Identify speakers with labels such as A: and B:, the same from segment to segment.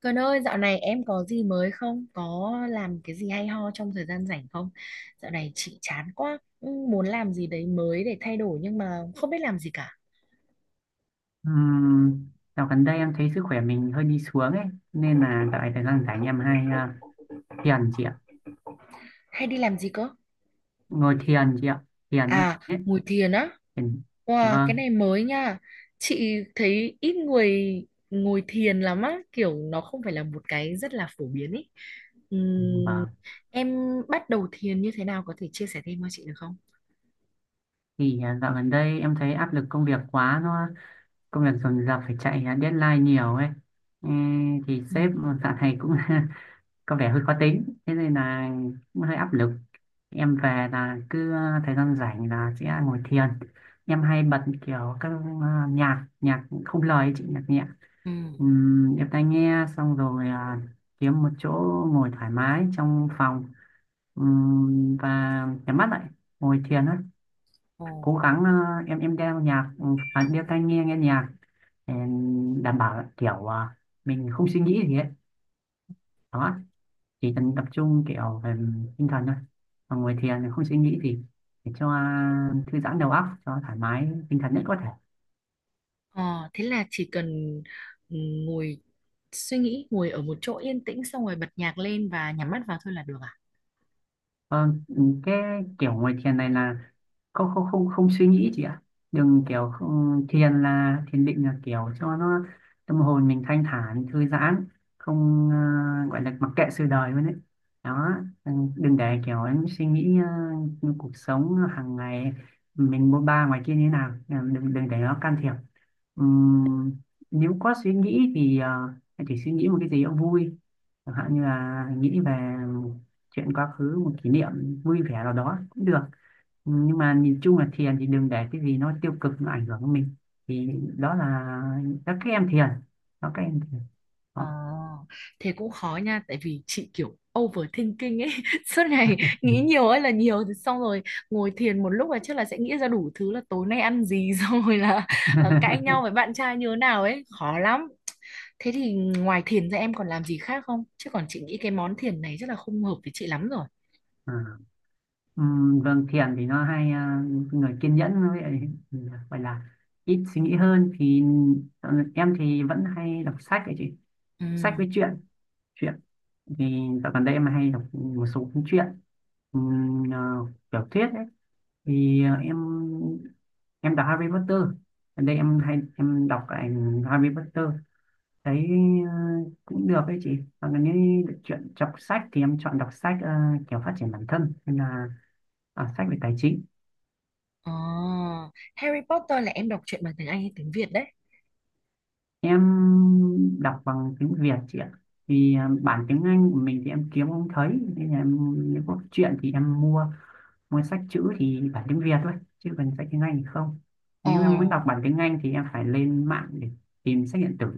A: Cần ơi, dạo này em có gì mới không? Có làm cái gì hay ho trong thời gian rảnh không? Dạo này chị chán quá, ừ, muốn làm gì đấy mới để thay đổi nhưng mà không biết làm gì cả.
B: Ừm, Dạo gần đây em thấy sức khỏe mình hơi đi xuống ấy, nên là dạo này thời gian rảnh em hay thiền chị ạ.
A: Hay đi làm gì cơ?
B: Ngồi thiền chị ạ, thiền ấy,
A: À,
B: ấy.
A: ngồi thiền á.
B: Thiền.
A: Wow, cái
B: Vâng,
A: này mới nha. Chị thấy ít người ngồi thiền lắm á, kiểu nó không phải là một cái rất là phổ biến ý. Ừm,
B: vâng,
A: em bắt đầu thiền như thế nào có thể chia sẻ thêm cho chị được không?
B: thì dạo gần đây em thấy áp lực công việc quá, nó công việc dồn dập, phải chạy deadline nhiều ấy. Ê, thì
A: Ừ.
B: sếp dạo này cũng công việc hơi khó tính, thế nên là cũng hơi áp lực. Em về là cứ thời gian rảnh là sẽ ngồi thiền. Em hay bật kiểu các nhạc nhạc không lời ấy chị, nhạc nhẹ.
A: Ừ.
B: Em tai nghe xong rồi kiếm một chỗ ngồi thoải mái trong phòng, và nhắm mắt lại, ngồi thiền á.
A: Ồ.
B: Cố gắng em đeo tai nghe nghe nhạc, để đảm bảo kiểu mình không suy nghĩ gì ấy. Đó, chỉ cần tập trung kiểu về tinh thần thôi. Còn ngồi thiền thì không suy nghĩ gì, để cho thư giãn đầu óc, cho thoải mái tinh thần nhất có thể.
A: Ờ, thế là chỉ cần ừ, ngồi suy nghĩ, ngồi ở một chỗ yên tĩnh xong rồi bật nhạc lên và nhắm mắt vào thôi là được à?
B: Ờ, cái kiểu ngồi thiền này là không không suy nghĩ chị ạ, đừng kiểu không, thiền là thiền định, là kiểu cho nó tâm hồn mình thanh thản, thư giãn, không gọi là mặc kệ sự đời luôn đấy. Đó, đừng để kiểu em suy nghĩ cuộc sống hàng ngày mình bôn ba ngoài kia như thế nào. Ừ, đừng đừng để nó can thiệp. Ừm, Nếu có suy nghĩ thì em chỉ suy nghĩ một cái gì đó vui, chẳng hạn như là nghĩ về chuyện quá khứ, một kỷ niệm vui vẻ nào đó cũng được. Nhưng mà nhìn chung là thiền thì đừng để cái gì nó tiêu cực nó ảnh hưởng đến mình. Thì đó là các em thiền, đó, các em thiền,
A: Ờ,
B: đó.
A: thế cũng khó nha, tại vì chị kiểu overthinking ấy, suốt ngày nghĩ nhiều ấy là nhiều, thì xong rồi ngồi thiền một lúc là chắc là sẽ nghĩ ra đủ thứ là tối nay ăn gì, xong rồi là cãi nhau với bạn trai như thế nào ấy, khó lắm. Thế thì ngoài thiền ra em còn làm gì khác không? Chứ còn chị nghĩ cái món thiền này chắc là không hợp với chị lắm rồi.
B: à. Vâng, thiền thì nó hay người kiên nhẫn với lại gọi là ít suy nghĩ hơn thì ờ, em thì vẫn hay đọc sách ấy chị.
A: Ừ.
B: Sách với truyện, truyện thì dạo gần đây em hay đọc một số cuốn truyện, ừm, à, tiểu thuyết ấy. Thì em đọc Harry Potter, gần đây em hay đọc lại Harry Potter, thấy ờ, cũng được đấy chị. Và nếu được chuyện đọc sách thì em chọn đọc sách kiểu phát triển bản thân, hay là sách về tài chính.
A: Ờ, Harry Potter là em đọc truyện bằng tiếng Anh hay tiếng Việt đấy?
B: Em đọc bằng tiếng Việt chị ạ, vì bản tiếng Anh của mình thì em kiếm không thấy, nên là em nếu có chuyện thì em mua mua sách chữ thì bản tiếng Việt thôi, chứ còn sách tiếng Anh thì không.
A: Ờ,
B: Nếu em muốn đọc bản tiếng Anh thì em phải lên mạng để tìm sách điện tử.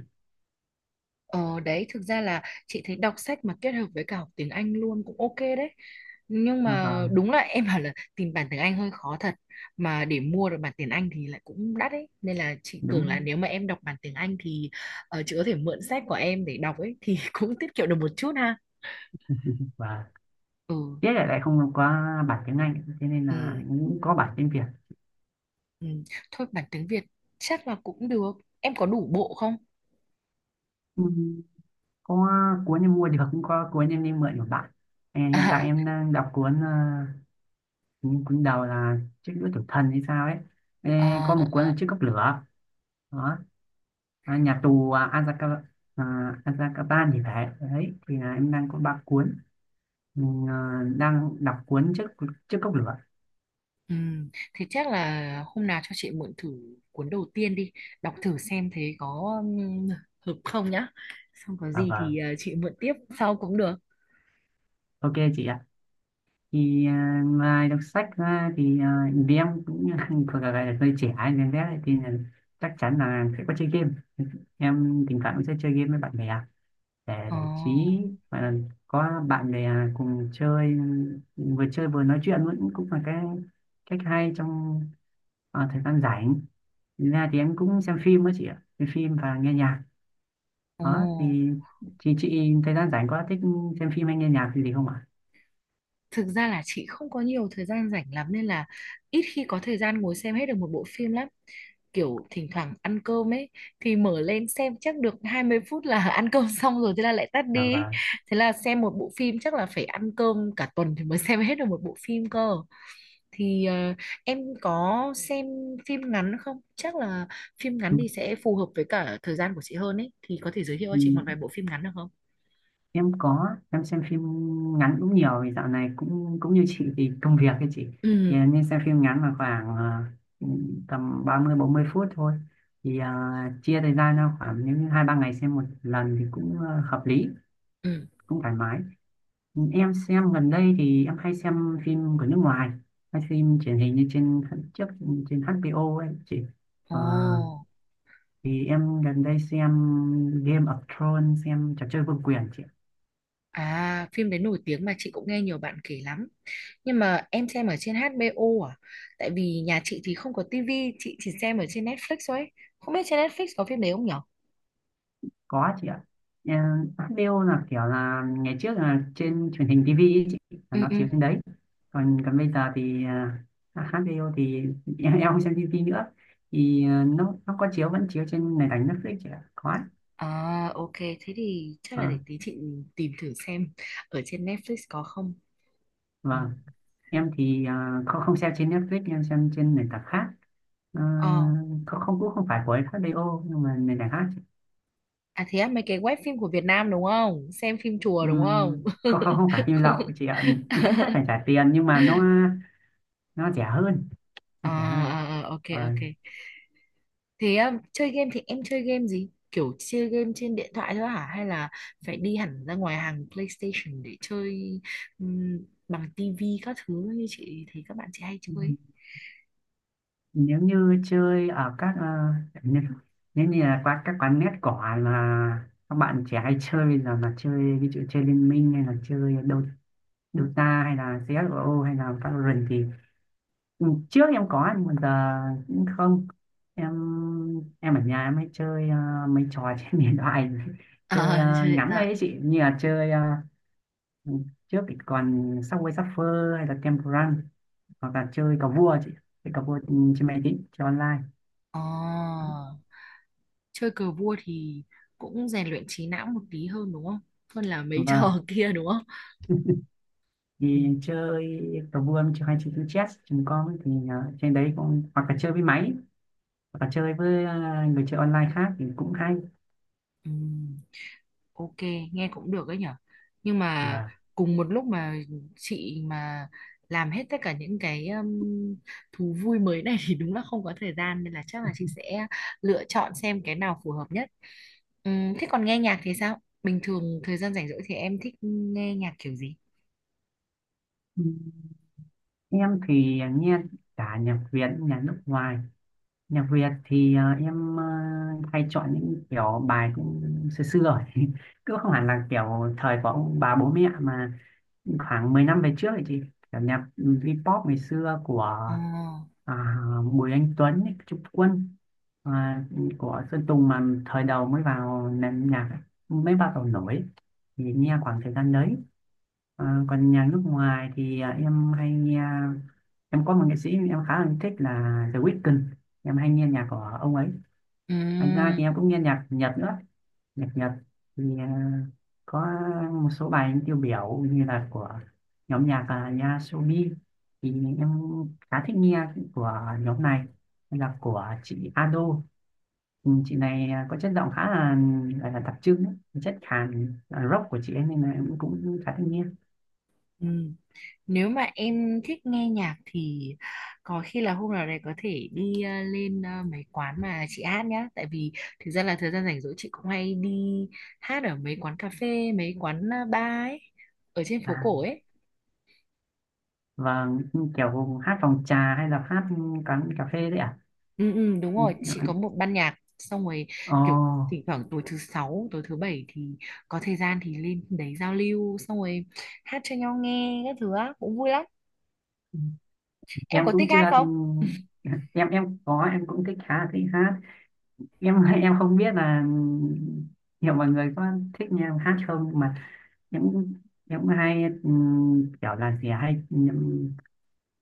A: ờ đấy thực ra là chị thấy đọc sách mà kết hợp với cả học tiếng Anh luôn cũng ok đấy. Nhưng
B: À,
A: mà
B: vâng,
A: đúng là em bảo là tìm bản tiếng Anh hơi khó thật. Mà để mua được bản tiếng Anh thì lại cũng đắt ấy. Nên là chị tưởng là
B: đúng.
A: nếu mà em đọc bản tiếng Anh thì chị có thể mượn sách của em để đọc ấy thì cũng tiết kiệm được một chút ha.
B: Và
A: Ừ,
B: tiếc là lại không có bản tiếng Anh, thế nên
A: ừ,
B: là cũng có bản tiếng Việt.
A: ừ. Thôi bản tiếng Việt chắc là cũng được. Em có đủ bộ không?
B: Ừ, có cuốn em mua được, cũng có cuốn em đi mượn của bạn. Hiện tại em đang đọc cuốn cuốn cuốn đầu là chiếc đũa tử thần hay sao ấy. Ê,
A: À,
B: có một cuốn là
A: à.
B: chiếc cốc lửa, đó, nhà tù Azkaban, à, Azkaban thì phải đấy. Thì là em đang có ba cuốn. Mình đang đọc cuốn chiếc chiếc cốc lửa.
A: Ừ, thế chắc là hôm nào cho chị mượn thử cuốn đầu tiên đi đọc thử xem thế có hợp không nhá, xong có gì
B: Vâng,
A: thì chị mượn tiếp sau cũng được.
B: ok chị ạ. Thì ngoài đọc sách ra thì vì em cũng thuộc là gọi là hơi trẻ nên thế, thì là chắc chắn là sẽ có chơi game. Em thỉnh thoảng cũng sẽ chơi game với bạn bè để
A: Ồ.
B: giải trí, và là có bạn bè cùng chơi, vừa chơi vừa nói chuyện vẫn cũng là cái cách hay trong thời gian rảnh. Thực ra thì em cũng xem phim đó chị ạ, xem phim và nghe nhạc,
A: Ồ.
B: đó thì chị thời gian rảnh có thích xem phim hay nghe nhạc gì không ạ?
A: Thực ra là chị không có nhiều thời gian rảnh lắm nên là ít khi có thời gian ngồi xem hết được một bộ phim lắm, kiểu thỉnh thoảng ăn cơm ấy thì mở lên xem chắc được 20 phút là ăn cơm xong rồi thế là lại tắt đi,
B: Và
A: thế là xem một bộ phim chắc là phải ăn cơm cả tuần thì mới xem hết được một bộ phim cơ thì em có xem phim ngắn không? Chắc là phim ngắn thì sẽ phù hợp với cả thời gian của chị hơn ấy. Thì có thể giới thiệu cho chị một vài bộ phim ngắn được không?
B: em có em xem phim ngắn cũng nhiều, vì dạo này cũng cũng như chị thì công việc ấy chị, thì
A: Ừ,
B: em nên xem phim ngắn là khoảng tầm 30-40 phút thôi. Thì chia thời gian ra khoảng những hai ba ngày xem một lần thì cũng hợp lý,
A: ừ.
B: cũng thoải mái. Em xem gần đây thì em hay xem phim của nước ngoài, hay phim truyền hình như trên trước, trên HBO ấy chị. Ờ,
A: Ồ,
B: thì em gần đây xem Game of Thrones, xem trò chơi vương quyền chị.
A: à, phim đấy nổi tiếng mà chị cũng nghe nhiều bạn kể lắm. Nhưng mà em xem ở trên HBO à? Tại vì nhà chị thì không có tivi, chị chỉ xem ở trên Netflix thôi ấy. Không biết trên Netflix có phim đấy không nhở?
B: Có chị ạ. Ờ, Hát Bill là kiểu là ngày trước là trên truyền hình TV ý chị, là
A: Ừ,
B: nó
A: ừ.
B: chiếu trên đấy. Còn còn bây giờ thì Hát Bill thì em không xem TV nữa. Thì nó có chiếu, vẫn chiếu trên nền tảng Netflix chị ạ. Có ạ.
A: À, ok. Thế thì chắc
B: Ờ,
A: là để tí chị tìm thử xem ở trên Netflix có không. Ừ.
B: vâng. Em thì không không xem trên Netflix, em xem trên nền tảng khác. Ờ,
A: Ờ.
B: không không cũng không phải của HBO, nhưng mà nền tảng khác chị.
A: À thế á, mấy cái web phim của Việt Nam đúng không? Xem phim chùa đúng không?
B: Không không không phải phim lậu chị ạ. Vẫn phải phải trả tiền nhưng mà nó rẻ hơn.
A: À,
B: Nó rẻ hơn.
A: à, à, ok,
B: Ờ.
A: ok. Thế chơi game thì em chơi game gì? Kiểu chơi game trên điện thoại thôi hả? Hay là phải đi hẳn ra ngoài hàng PlayStation để chơi um, bằng tivi các thứ như chị thấy các bạn chị hay
B: Ừ.
A: chơi? ấy?
B: Nếu như chơi ở các nếu, nếu như là qua các quán net cỏ mà các bạn trẻ hay chơi bây giờ, mà chơi ví dụ chơi Liên Minh hay là chơi Dota hay là CS:GO hay là Valorant thì trước em có, nhưng mà giờ cũng không. Em em ở nhà em hay chơi mấy trò trên điện thoại, chơi
A: À, chơi điện
B: ngắn
A: thoại.
B: đấy chị, như là chơi trước thì còn Subway Surfer hay là Temple Run, hoặc là chơi cờ vua chị, chơi cờ vua trên máy tính, chơi online.
A: À, chơi cờ vua thì cũng rèn luyện trí não một tí hơn đúng không? Hơn là mấy
B: Vâng,
A: trò kia đúng không? Ừ.
B: thì chơi cờ vua, chơi hay chơi chữ chess chúng con thì trên đấy cũng hoặc là chơi với máy, hoặc là chơi với người chơi online khác thì cũng hay.
A: Ừ. Ok, nghe cũng được đấy nhở. Nhưng mà
B: Và
A: cùng một lúc mà chị mà làm hết tất cả những cái thú vui mới này thì đúng là không có thời gian nên là chắc là chị sẽ lựa chọn xem cái nào phù hợp nhất. Thế còn nghe nhạc thì sao? Bình thường thời gian rảnh rỗi thì em thích nghe nhạc kiểu gì?
B: em thì nghe cả nhạc Việt, nhạc nước ngoài. Nhạc Việt thì em hay chọn những kiểu bài cũng xưa xưa rồi. Cứ không hẳn là kiểu thời của ông bà bố mẹ, mà khoảng 10 năm về trước thì chị, kiểu nhạc V-pop ngày xưa của
A: Ờ,
B: à, Bùi Anh Tuấn ấy, Trúc Quân, à, của Sơn Tùng mà thời đầu mới vào nền nhạc ấy, mới bắt đầu nổi, thì nghe khoảng thời gian đấy. Còn nhạc nước ngoài thì em hay nghe, em có một nghệ sĩ em khá là thích là The Weeknd, em hay nghe nhạc của ông ấy. Thành ra
A: ừm,
B: thì em cũng nghe nhạc Nhật nữa. Nhạc Nhật thì có một số bài tiêu biểu như là của nhóm nhạc là Yasobi, thì em khá thích nghe. Của nhóm này là của chị Ado. Ừ, chị này có chất giọng khá là là đặc trưng ấy, chất khàn rock của chị ấy, nên là em cũng khá thích nghe.
A: ừm. Nếu mà em thích nghe nhạc thì có khi là hôm nào đấy có thể đi lên mấy quán mà chị hát nhá. Tại vì thực ra là thời gian rảnh rỗi chị cũng hay đi hát ở mấy quán cà phê, mấy quán bar ấy, ở trên phố
B: à,
A: cổ ấy.
B: và kiểu hát phòng trà hay là hát quán cà phê đấy à?
A: Ừ, ừ, đúng
B: Ừ.
A: rồi, chị có một ban nhạc xong rồi
B: Ồ,
A: kiểu thỉnh thoảng tối thứ sáu, tối thứ bảy thì có thời gian thì lên đấy giao lưu xong rồi hát cho nhau nghe các thứ á, cũng vui lắm. Em
B: em
A: có
B: cũng
A: thích hát
B: chưa,
A: không?
B: em có, em cũng thích, khá là thích hát. Em em không biết là nhiều mọi người có thích nghe em hát không, nhưng mà em cũng- em cũng hay kiểu là gì hay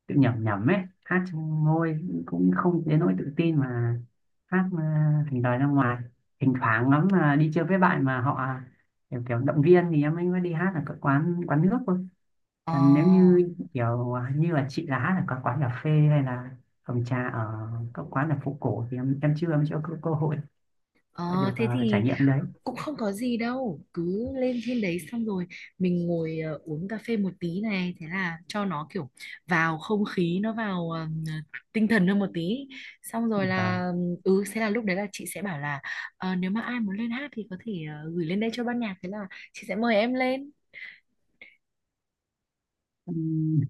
B: tự nhẩm nhẩm ấy, hát trong môi, cũng không đến nỗi tự tin mà hát thành lời ra ngoài. Thỉnh thoảng lắm là đi chơi với bạn mà họ kiểu động viên thì em mới mới đi hát ở các quán quán nước thôi.
A: Ờ.
B: Còn nếu như kiểu như là chị là hát ở các quán cà phê hay là phòng trà ở các quán là phố cổ thì em chưa có cơ hội
A: Ờ,
B: phải được
A: thế
B: trải
A: thì
B: nghiệm cái đấy.
A: cũng không có gì đâu, cứ lên trên đấy xong rồi mình ngồi uống cà phê một tí này, thế là cho nó kiểu vào không khí, nó vào tinh thần hơn một tí, xong rồi
B: Và
A: là ừ thế là lúc đấy là chị sẽ bảo là "Ờ, nếu mà ai muốn lên hát thì có thể gửi lên đây cho ban nhạc, thế là chị sẽ mời em lên
B: ừm,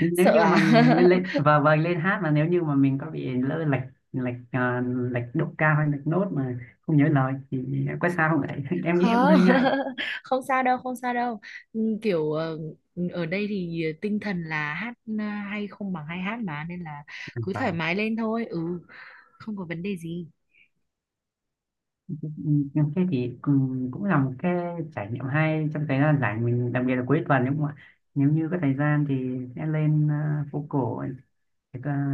B: nếu
A: sợ
B: như
A: à.
B: mà lên, và vâng, lên hát mà nếu như mà mình có bị lỡ lệch, lệch à, lệch độ cao hay lệch nốt, mà không nhớ lời thì có sao không đấy? Em nghĩ em cũng
A: Không.
B: hơi ngại.
A: Không sao đâu, không sao đâu. Ừ, kiểu ở đây thì tinh thần là hát ờ, hay không bằng hay hát mà, nên là cứ thoải
B: Và
A: mái lên thôi. Ừ, không có vấn đề gì.
B: nhưng thế thì cũng là một cái trải nghiệm hay trong thời gian rảnh mình, đặc biệt là cuối tuần, nếu mà nếu như có thời gian thì sẽ lên phố cổ để, à,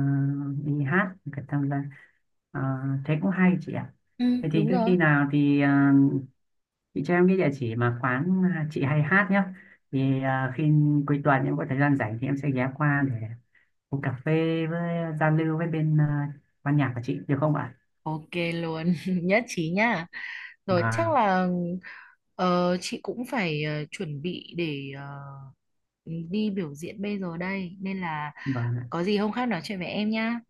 B: đi hát, để tham gia. À, thế cũng hay chị ạ.
A: Ừ,
B: Vậy thì
A: đúng
B: cứ
A: rồi.
B: khi nào thì chị cho em cái địa chỉ mà quán chị hay hát nhé, thì khi cuối tuần em có thời gian rảnh thì em sẽ ghé qua để uống cà phê với giao lưu với bên ban nhạc của chị được không ạ?
A: Ok luôn, nhất trí nha, rồi chắc
B: Vâng,
A: là chị cũng phải chuẩn bị để đi biểu diễn bây giờ đây nên là
B: vâng ạ.
A: có gì hôm khác nói chuyện với em nhá.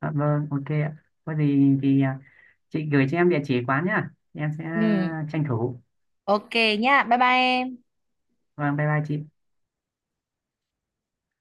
B: Dạ, vâng, ok ạ. Có gì thì chị gửi cho em địa chỉ quán nhá, em sẽ
A: Ừ,
B: tranh thủ.
A: ok nhá, bye bye em.
B: Vâng, bye bye chị.